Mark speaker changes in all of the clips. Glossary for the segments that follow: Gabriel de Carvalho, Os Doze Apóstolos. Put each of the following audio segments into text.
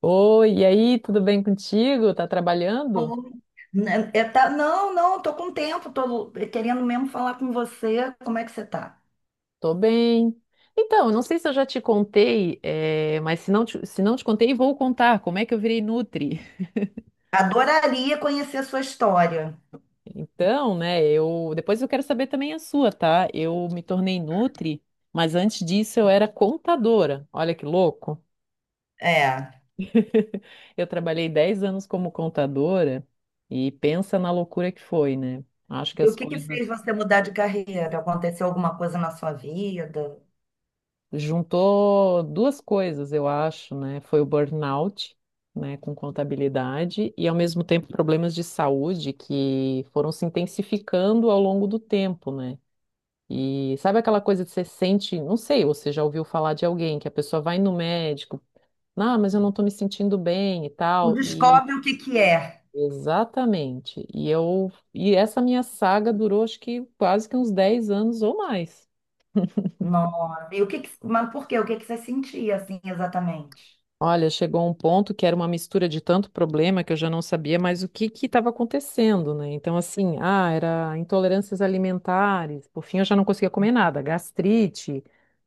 Speaker 1: Oi, e aí, tudo bem contigo? Tá trabalhando?
Speaker 2: Oi. Não, tô com tempo, tô querendo mesmo falar com você. Como é que você tá?
Speaker 1: Tô bem. Então, eu não sei se eu já te contei, mas se não te contei, vou contar como é que eu virei Nutri.
Speaker 2: Adoraria conhecer a sua história.
Speaker 1: Então, né, eu depois eu quero saber também a sua, tá? Eu me tornei Nutri, mas antes disso eu era contadora. Olha que louco.
Speaker 2: É.
Speaker 1: Eu trabalhei 10 anos como contadora e pensa na loucura que foi, né? Acho que
Speaker 2: E o
Speaker 1: as
Speaker 2: que que
Speaker 1: coisas
Speaker 2: fez você mudar de carreira? Aconteceu alguma coisa na sua vida?
Speaker 1: juntou duas coisas, eu acho, né? Foi o burnout, né, com contabilidade e ao mesmo tempo problemas de saúde que foram se intensificando ao longo do tempo, né? E sabe aquela coisa que você sente, não sei, você já ouviu falar de alguém que a pessoa vai no médico, ah, mas eu não tô me sentindo bem e
Speaker 2: Tu
Speaker 1: tal, e
Speaker 2: descobre o que que é.
Speaker 1: Exatamente. E essa minha saga durou acho que quase que uns 10 anos ou mais.
Speaker 2: Não e o que que, Mas por quê? O que que você sentia assim exatamente?
Speaker 1: Olha, chegou um ponto que era uma mistura de tanto problema que eu já não sabia mais o que que estava acontecendo, né? Então, assim, ah, era intolerâncias alimentares, por fim eu já não conseguia comer nada, gastrite,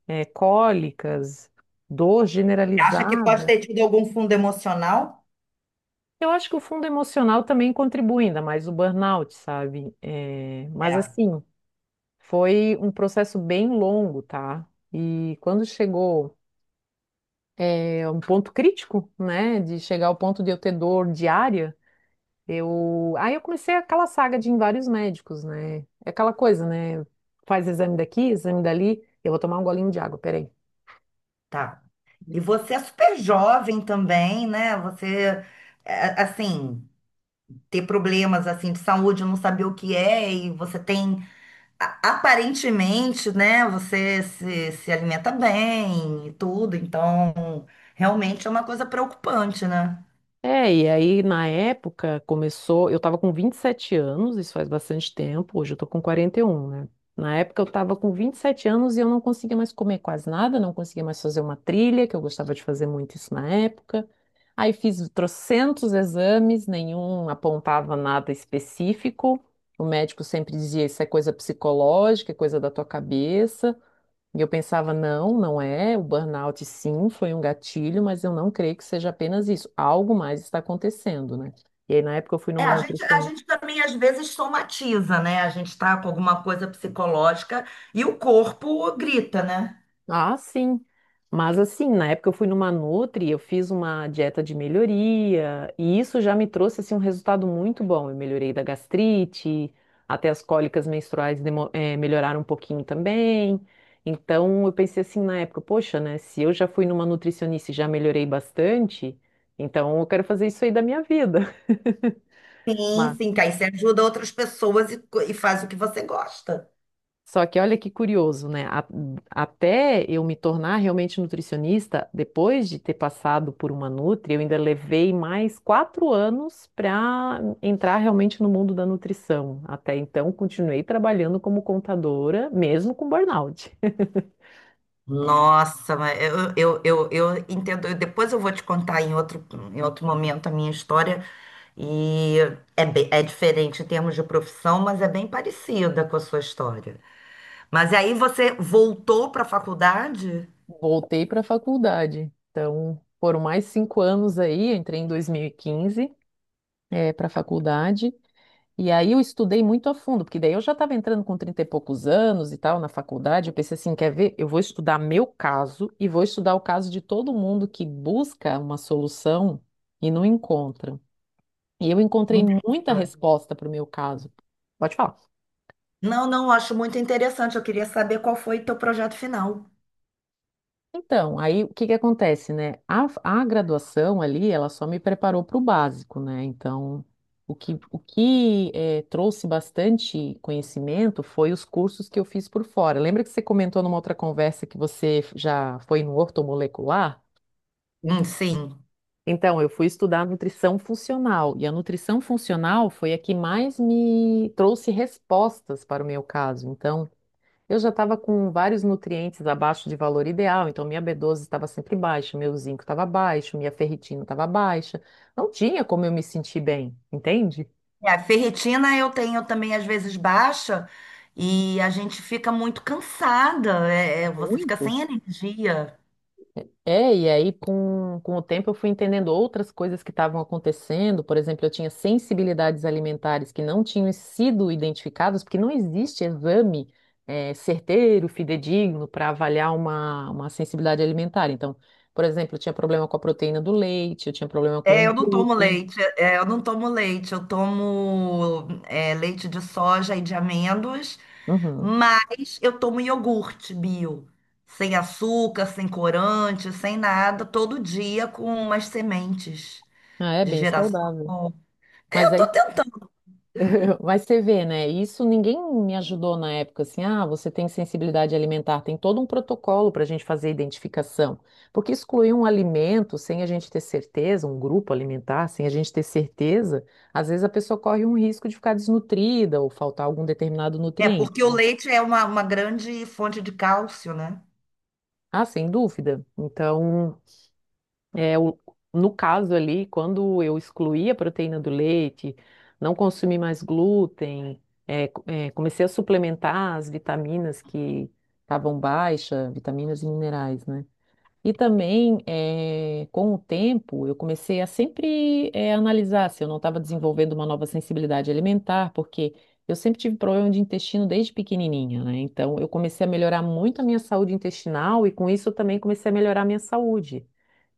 Speaker 1: cólicas, dor
Speaker 2: Acha que pode
Speaker 1: generalizada.
Speaker 2: ter tido algum fundo emocional?
Speaker 1: Eu acho que o fundo emocional também contribui, ainda mais o burnout, sabe? Mas,
Speaker 2: É,
Speaker 1: assim, foi um processo bem longo, tá? E quando chegou, um ponto crítico, né, de chegar ao ponto de eu ter dor diária. Aí eu comecei aquela saga de ir em vários médicos, né? É aquela coisa, né? Faz exame daqui, exame dali. Eu vou tomar um golinho de água, peraí.
Speaker 2: tá. E você é super jovem também, né? Você, é, assim. Ter problemas assim de saúde, não saber o que é, e você tem aparentemente, né, você se, se alimenta bem e tudo, então realmente é uma coisa preocupante, né?
Speaker 1: É, e aí na época começou, eu tava com 27 anos, isso faz bastante tempo, hoje eu tô com 41, né? Na época eu tava com 27 anos e eu não conseguia mais comer quase nada, não conseguia mais fazer uma trilha, que eu gostava de fazer muito isso na época. Aí fiz trocentos exames, nenhum apontava nada específico. O médico sempre dizia, isso é coisa psicológica, é coisa da tua cabeça. E eu pensava, não, não é. O burnout, sim, foi um gatilho, mas eu não creio que seja apenas isso. Algo mais está acontecendo, né? E aí, na época, eu fui
Speaker 2: É,
Speaker 1: numa
Speaker 2: a
Speaker 1: nutricionista.
Speaker 2: gente também às vezes somatiza, né? A gente tá com alguma coisa psicológica e o corpo grita, né?
Speaker 1: Ah, sim. Mas assim, na época eu fui numa Nutri, eu fiz uma dieta de melhoria, e isso já me trouxe assim um resultado muito bom. Eu melhorei da gastrite, até as cólicas menstruais melhoraram um pouquinho também. Então eu pensei assim na época, poxa, né, se eu já fui numa nutricionista e já melhorei bastante, então eu quero fazer isso aí da minha vida.
Speaker 2: Sim, sim, que aí você ajuda outras pessoas e faz o que você gosta.
Speaker 1: Só que olha que curioso, né? Até eu me tornar realmente nutricionista, depois de ter passado por uma nutri, eu ainda levei mais 4 anos para entrar realmente no mundo da nutrição. Até então, continuei trabalhando como contadora, mesmo com burnout.
Speaker 2: Nossa, mas eu entendo. Depois eu vou te contar em outro momento a minha história. E é, é diferente em termos de profissão, mas é bem parecida com a sua história. Mas aí você voltou para a faculdade?
Speaker 1: Voltei para a faculdade. Então, foram mais 5 anos aí, eu entrei em 2015, para a faculdade. E aí eu estudei muito a fundo, porque daí eu já estava entrando com 30 e poucos anos e tal na faculdade. Eu pensei assim, quer ver? Eu vou estudar meu caso e vou estudar o caso de todo mundo que busca uma solução e não encontra. E eu encontrei muita
Speaker 2: Interessante.
Speaker 1: resposta para o meu caso. Pode falar.
Speaker 2: Não, não, eu acho muito interessante. Eu queria saber qual foi o teu projeto final.
Speaker 1: Então, aí o que que acontece, né? A graduação ali, ela só me preparou para o básico, né? Então, o que trouxe bastante conhecimento foi os cursos que eu fiz por fora. Lembra que você comentou numa outra conversa que você já foi no ortomolecular?
Speaker 2: Sim.
Speaker 1: Então, eu fui estudar nutrição funcional, e a nutrição funcional foi a que mais me trouxe respostas para o meu caso. Então, eu já estava com vários nutrientes abaixo de valor ideal, então minha B12 estava sempre baixa, meu zinco estava baixo, minha ferritina estava baixa. Não tinha como eu me sentir bem, entende?
Speaker 2: É, a ferritina eu tenho também às vezes baixa e a gente fica muito cansada. É, é, você fica
Speaker 1: Muito.
Speaker 2: sem energia.
Speaker 1: É, e aí com o tempo eu fui entendendo outras coisas que estavam acontecendo. Por exemplo, eu tinha sensibilidades alimentares que não tinham sido identificadas, porque não existe exame certeiro, fidedigno para avaliar uma sensibilidade alimentar. Então, por exemplo, eu tinha problema com a proteína do leite, eu tinha problema com
Speaker 2: É,
Speaker 1: o glúten.
Speaker 2: eu não tomo leite, leite de soja e de amêndoas,
Speaker 1: Uhum.
Speaker 2: mas eu tomo iogurte bio, sem açúcar, sem corante, sem nada, todo dia com umas sementes
Speaker 1: Ah, é
Speaker 2: de
Speaker 1: bem
Speaker 2: girassol.
Speaker 1: saudável. Mas
Speaker 2: Eu tô
Speaker 1: aí
Speaker 2: tentando,
Speaker 1: Mas você vê, né? Isso ninguém me ajudou na época, assim, ah, você tem sensibilidade alimentar, tem todo um protocolo para a gente fazer a identificação. Porque excluir um alimento sem a gente ter certeza, um grupo alimentar, sem a gente ter certeza, às vezes a pessoa corre um risco de ficar desnutrida ou faltar algum determinado
Speaker 2: é
Speaker 1: nutriente.
Speaker 2: porque o leite é uma grande fonte de cálcio, né?
Speaker 1: Ah, sem dúvida. Então, É, o- no caso ali, quando eu excluí a proteína do leite, não consumi mais glúten, comecei a suplementar as vitaminas que estavam baixas, vitaminas e minerais, né? E também, com o tempo, eu comecei a sempre analisar se eu não estava desenvolvendo uma nova sensibilidade alimentar, porque eu sempre tive problema de intestino desde pequenininha, né? Então, eu comecei a melhorar muito a minha saúde intestinal e, com isso, eu também comecei a melhorar a minha saúde.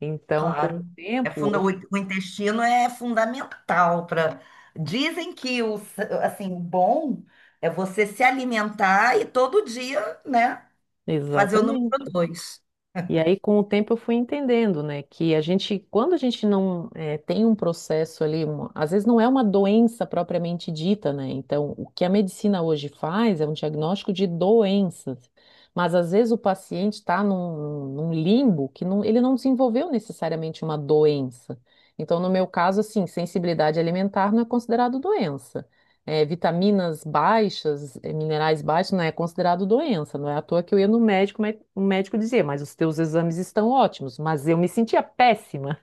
Speaker 1: Então, com o
Speaker 2: Claro. É
Speaker 1: tempo,
Speaker 2: funda,
Speaker 1: eu...
Speaker 2: o intestino é fundamental para. Dizem que assim, o bom é você se alimentar todo dia, né, fazer o número
Speaker 1: Exatamente.
Speaker 2: dois.
Speaker 1: E aí, com o tempo, eu fui entendendo, né, que a gente, quando a gente não tem um processo ali, às vezes não é uma doença propriamente dita, né? Então, o que a medicina hoje faz é um diagnóstico de doenças, mas às vezes o paciente está num limbo que não, ele não desenvolveu necessariamente uma doença. Então, no meu caso, assim, sensibilidade alimentar não é considerado doença, é, vitaminas baixas, é, minerais baixos, não é considerado doença. Não é à toa que eu ia no médico, mas o médico dizia, mas os teus exames estão ótimos. Mas eu me sentia péssima.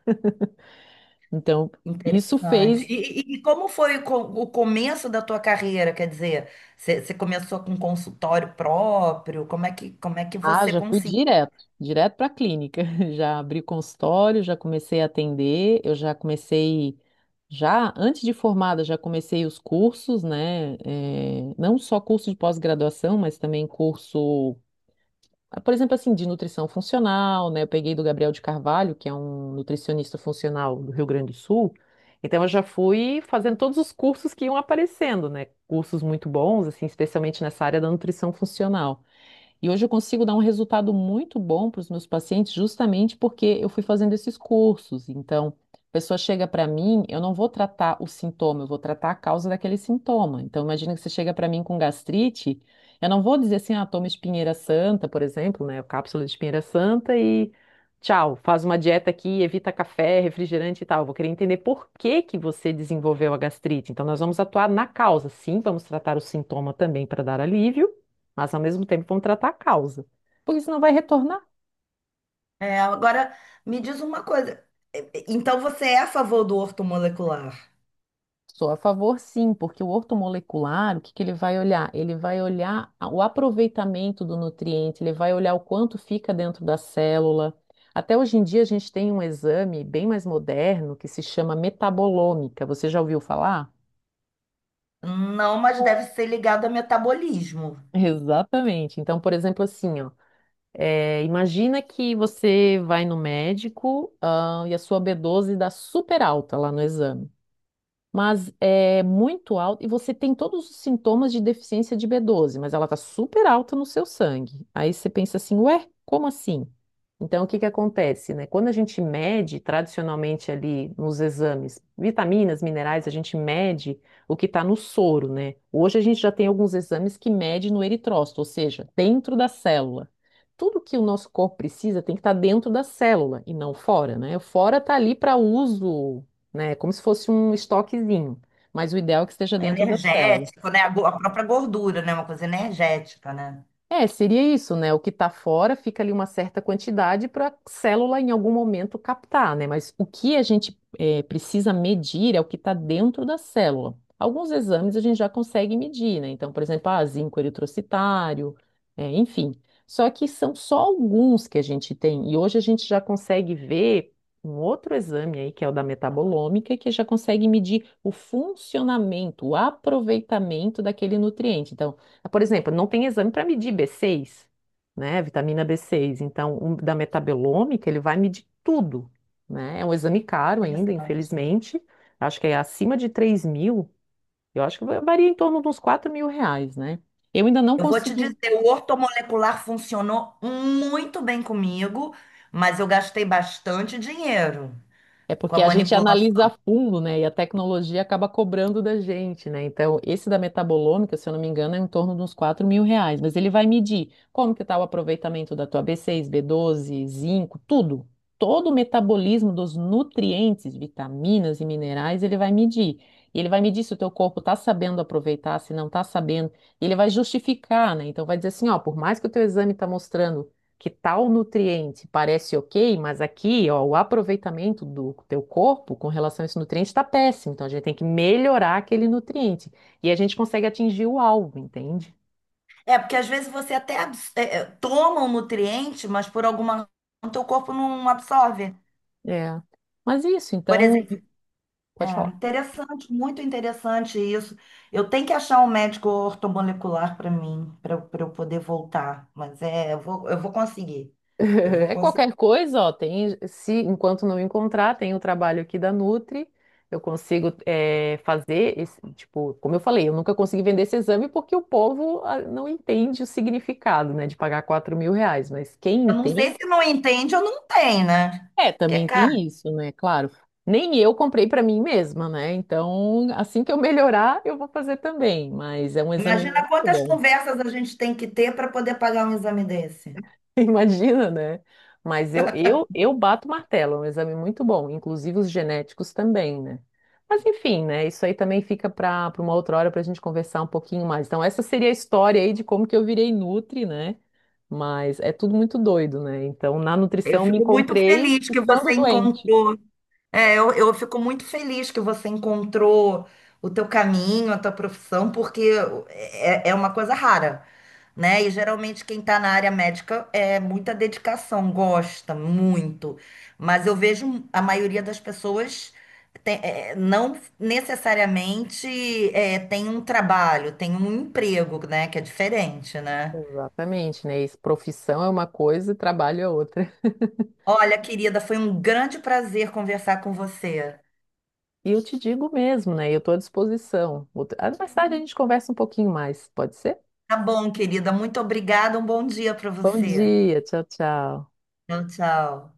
Speaker 1: Então, isso
Speaker 2: Interessante.
Speaker 1: fez.
Speaker 2: E como foi o começo da tua carreira? Quer dizer, você começou com consultório próprio? Como é que
Speaker 1: Ah,
Speaker 2: você
Speaker 1: já fui
Speaker 2: conseguiu?
Speaker 1: direto, direto para a clínica. Já abri consultório, já comecei a atender, eu já comecei. Já antes de formada, já comecei os cursos, né? Não só curso de pós-graduação, mas também curso. Ah, por exemplo, assim, de nutrição funcional, né? Eu peguei do Gabriel de Carvalho, que é um nutricionista funcional do Rio Grande do Sul. Então, eu já fui fazendo todos os cursos que iam aparecendo, né? Cursos muito bons, assim, especialmente nessa área da nutrição funcional. E hoje eu consigo dar um resultado muito bom para os meus pacientes, justamente porque eu fui fazendo esses cursos. Então, a pessoa chega para mim, eu não vou tratar o sintoma, eu vou tratar a causa daquele sintoma. Então, imagina que você chega para mim com gastrite, eu não vou dizer assim, ah, toma espinheira santa, por exemplo, né, cápsula de espinheira santa e tchau, faz uma dieta aqui, evita café, refrigerante e tal. Eu vou querer entender por que que você desenvolveu a gastrite. Então, nós vamos atuar na causa, sim, vamos tratar o sintoma também para dar alívio, mas ao mesmo tempo vão tratar a causa. Porque senão vai retornar.
Speaker 2: É, agora, me diz uma coisa. Então, você é a favor do ortomolecular?
Speaker 1: Sou a favor, sim, porque o ortomolecular, o que que ele vai olhar? Ele vai olhar o aproveitamento do nutriente, ele vai olhar o quanto fica dentro da célula. Até hoje em dia a gente tem um exame bem mais moderno que se chama metabolômica. Você já ouviu falar?
Speaker 2: Não, mas deve ser ligado a metabolismo.
Speaker 1: Exatamente. Então, por exemplo, assim, ó, é, imagina que você vai no médico, ah, e a sua B12 dá super alta lá no exame, mas é muito alta e você tem todos os sintomas de deficiência de B12, mas ela tá super alta no seu sangue. Aí você pensa assim, ué, como assim? Então, o que que acontece, né? Quando a gente mede tradicionalmente ali nos exames, vitaminas, minerais, a gente mede o que está no soro, né? Hoje a gente já tem alguns exames que mede no eritrócito, ou seja, dentro da célula. Tudo que o nosso corpo precisa tem que estar dentro da célula e não fora, né? O fora está ali para uso, né? É como se fosse um estoquezinho, mas o ideal é que esteja dentro da célula.
Speaker 2: Energético, né? A própria gordura, né? Uma coisa energética, né?
Speaker 1: É, seria isso, né? O que está fora fica ali uma certa quantidade para a célula em algum momento captar, né? Mas o que a gente precisa medir é o que está dentro da célula. Alguns exames a gente já consegue medir, né? Então, por exemplo, ah, zinco eritrocitário, enfim. Só que são só alguns que a gente tem. E hoje a gente já consegue ver um outro exame aí, que é o da metabolômica, que já consegue medir o funcionamento, o aproveitamento daquele nutriente. Então, por exemplo, não tem exame para medir B6, né? Vitamina B6. Então, o da metabolômica, ele vai medir tudo, né? É um exame caro ainda,
Speaker 2: Interessante.
Speaker 1: infelizmente. Acho que é acima de 3 mil. Eu acho que varia em torno de uns 4 mil reais, né? Eu ainda não
Speaker 2: Eu vou te
Speaker 1: consegui.
Speaker 2: dizer, o ortomolecular funcionou muito bem comigo, mas eu gastei bastante dinheiro
Speaker 1: É
Speaker 2: com a
Speaker 1: porque a gente analisa a
Speaker 2: manipulação.
Speaker 1: fundo, né? E a tecnologia acaba cobrando da gente, né? Então, esse da metabolômica, se eu não me engano, é em torno de uns 4 mil reais. Mas ele vai medir como que está o aproveitamento da tua B6, B12, zinco, tudo. Todo o metabolismo dos nutrientes, vitaminas e minerais, ele vai medir. E ele vai medir se o teu corpo está sabendo aproveitar, se não está sabendo. E ele vai justificar, né? Então, vai dizer assim, ó, por mais que o teu exame está mostrando que tal nutriente parece ok, mas aqui, ó, o aproveitamento do teu corpo com relação a esse nutriente está péssimo. Então a gente tem que melhorar aquele nutriente. E a gente consegue atingir o alvo, entende?
Speaker 2: É, porque às vezes você até toma um nutriente, mas por alguma razão teu corpo não absorve.
Speaker 1: É. Mas isso,
Speaker 2: Por
Speaker 1: então,
Speaker 2: exemplo,
Speaker 1: pode
Speaker 2: é
Speaker 1: falar.
Speaker 2: interessante, muito interessante isso. Eu tenho que achar um médico ortomolecular para mim, para eu poder voltar. Mas é, eu vou conseguir. Eu vou
Speaker 1: É
Speaker 2: conseguir.
Speaker 1: qualquer coisa, ó, tem, se enquanto não encontrar, tem o trabalho aqui da Nutri, eu consigo, é, fazer esse, tipo, como eu falei, eu nunca consegui vender esse exame porque o povo, ah, não entende o significado, né, de pagar 4 mil reais, mas quem
Speaker 2: Eu não sei
Speaker 1: entende.
Speaker 2: se não entende ou não tem, né?
Speaker 1: É,
Speaker 2: Que é
Speaker 1: também
Speaker 2: caro.
Speaker 1: tem isso, né? Claro. Nem eu comprei para mim mesma, né? Então, assim que eu melhorar, eu vou fazer também. Mas é um exame muito
Speaker 2: Imagina quantas
Speaker 1: bom.
Speaker 2: conversas a gente tem que ter para poder pagar um exame desse.
Speaker 1: Imagina, né? Mas eu bato o martelo, é um exame muito bom. Inclusive os genéticos também, né? Mas enfim, né? Isso aí também fica para uma outra hora para a gente conversar um pouquinho mais. Então, essa seria a história aí de como que eu virei nutri, né? Mas é tudo muito doido, né? Então, na
Speaker 2: Eu
Speaker 1: nutrição eu me
Speaker 2: fico muito
Speaker 1: encontrei
Speaker 2: feliz que
Speaker 1: estando
Speaker 2: você
Speaker 1: doente.
Speaker 2: encontrou. É, eu fico muito feliz que você encontrou o teu caminho, a tua profissão, porque é, é uma coisa rara. Né? E geralmente quem está na área médica é muita dedicação, gosta muito. Mas eu vejo a maioria das pessoas não necessariamente é, tem um trabalho, tem um emprego, né? Que é diferente, né?
Speaker 1: Exatamente, né? Isso, profissão é uma coisa e trabalho é outra.
Speaker 2: Olha, querida, foi um grande prazer conversar com você.
Speaker 1: E eu te digo mesmo, né? Eu estou à disposição. Ah, mais tarde a gente conversa um pouquinho mais, pode ser?
Speaker 2: Tá bom, querida. Muito obrigada. Um bom dia para
Speaker 1: Bom
Speaker 2: você.
Speaker 1: dia, tchau, tchau.
Speaker 2: Tchau, tchau.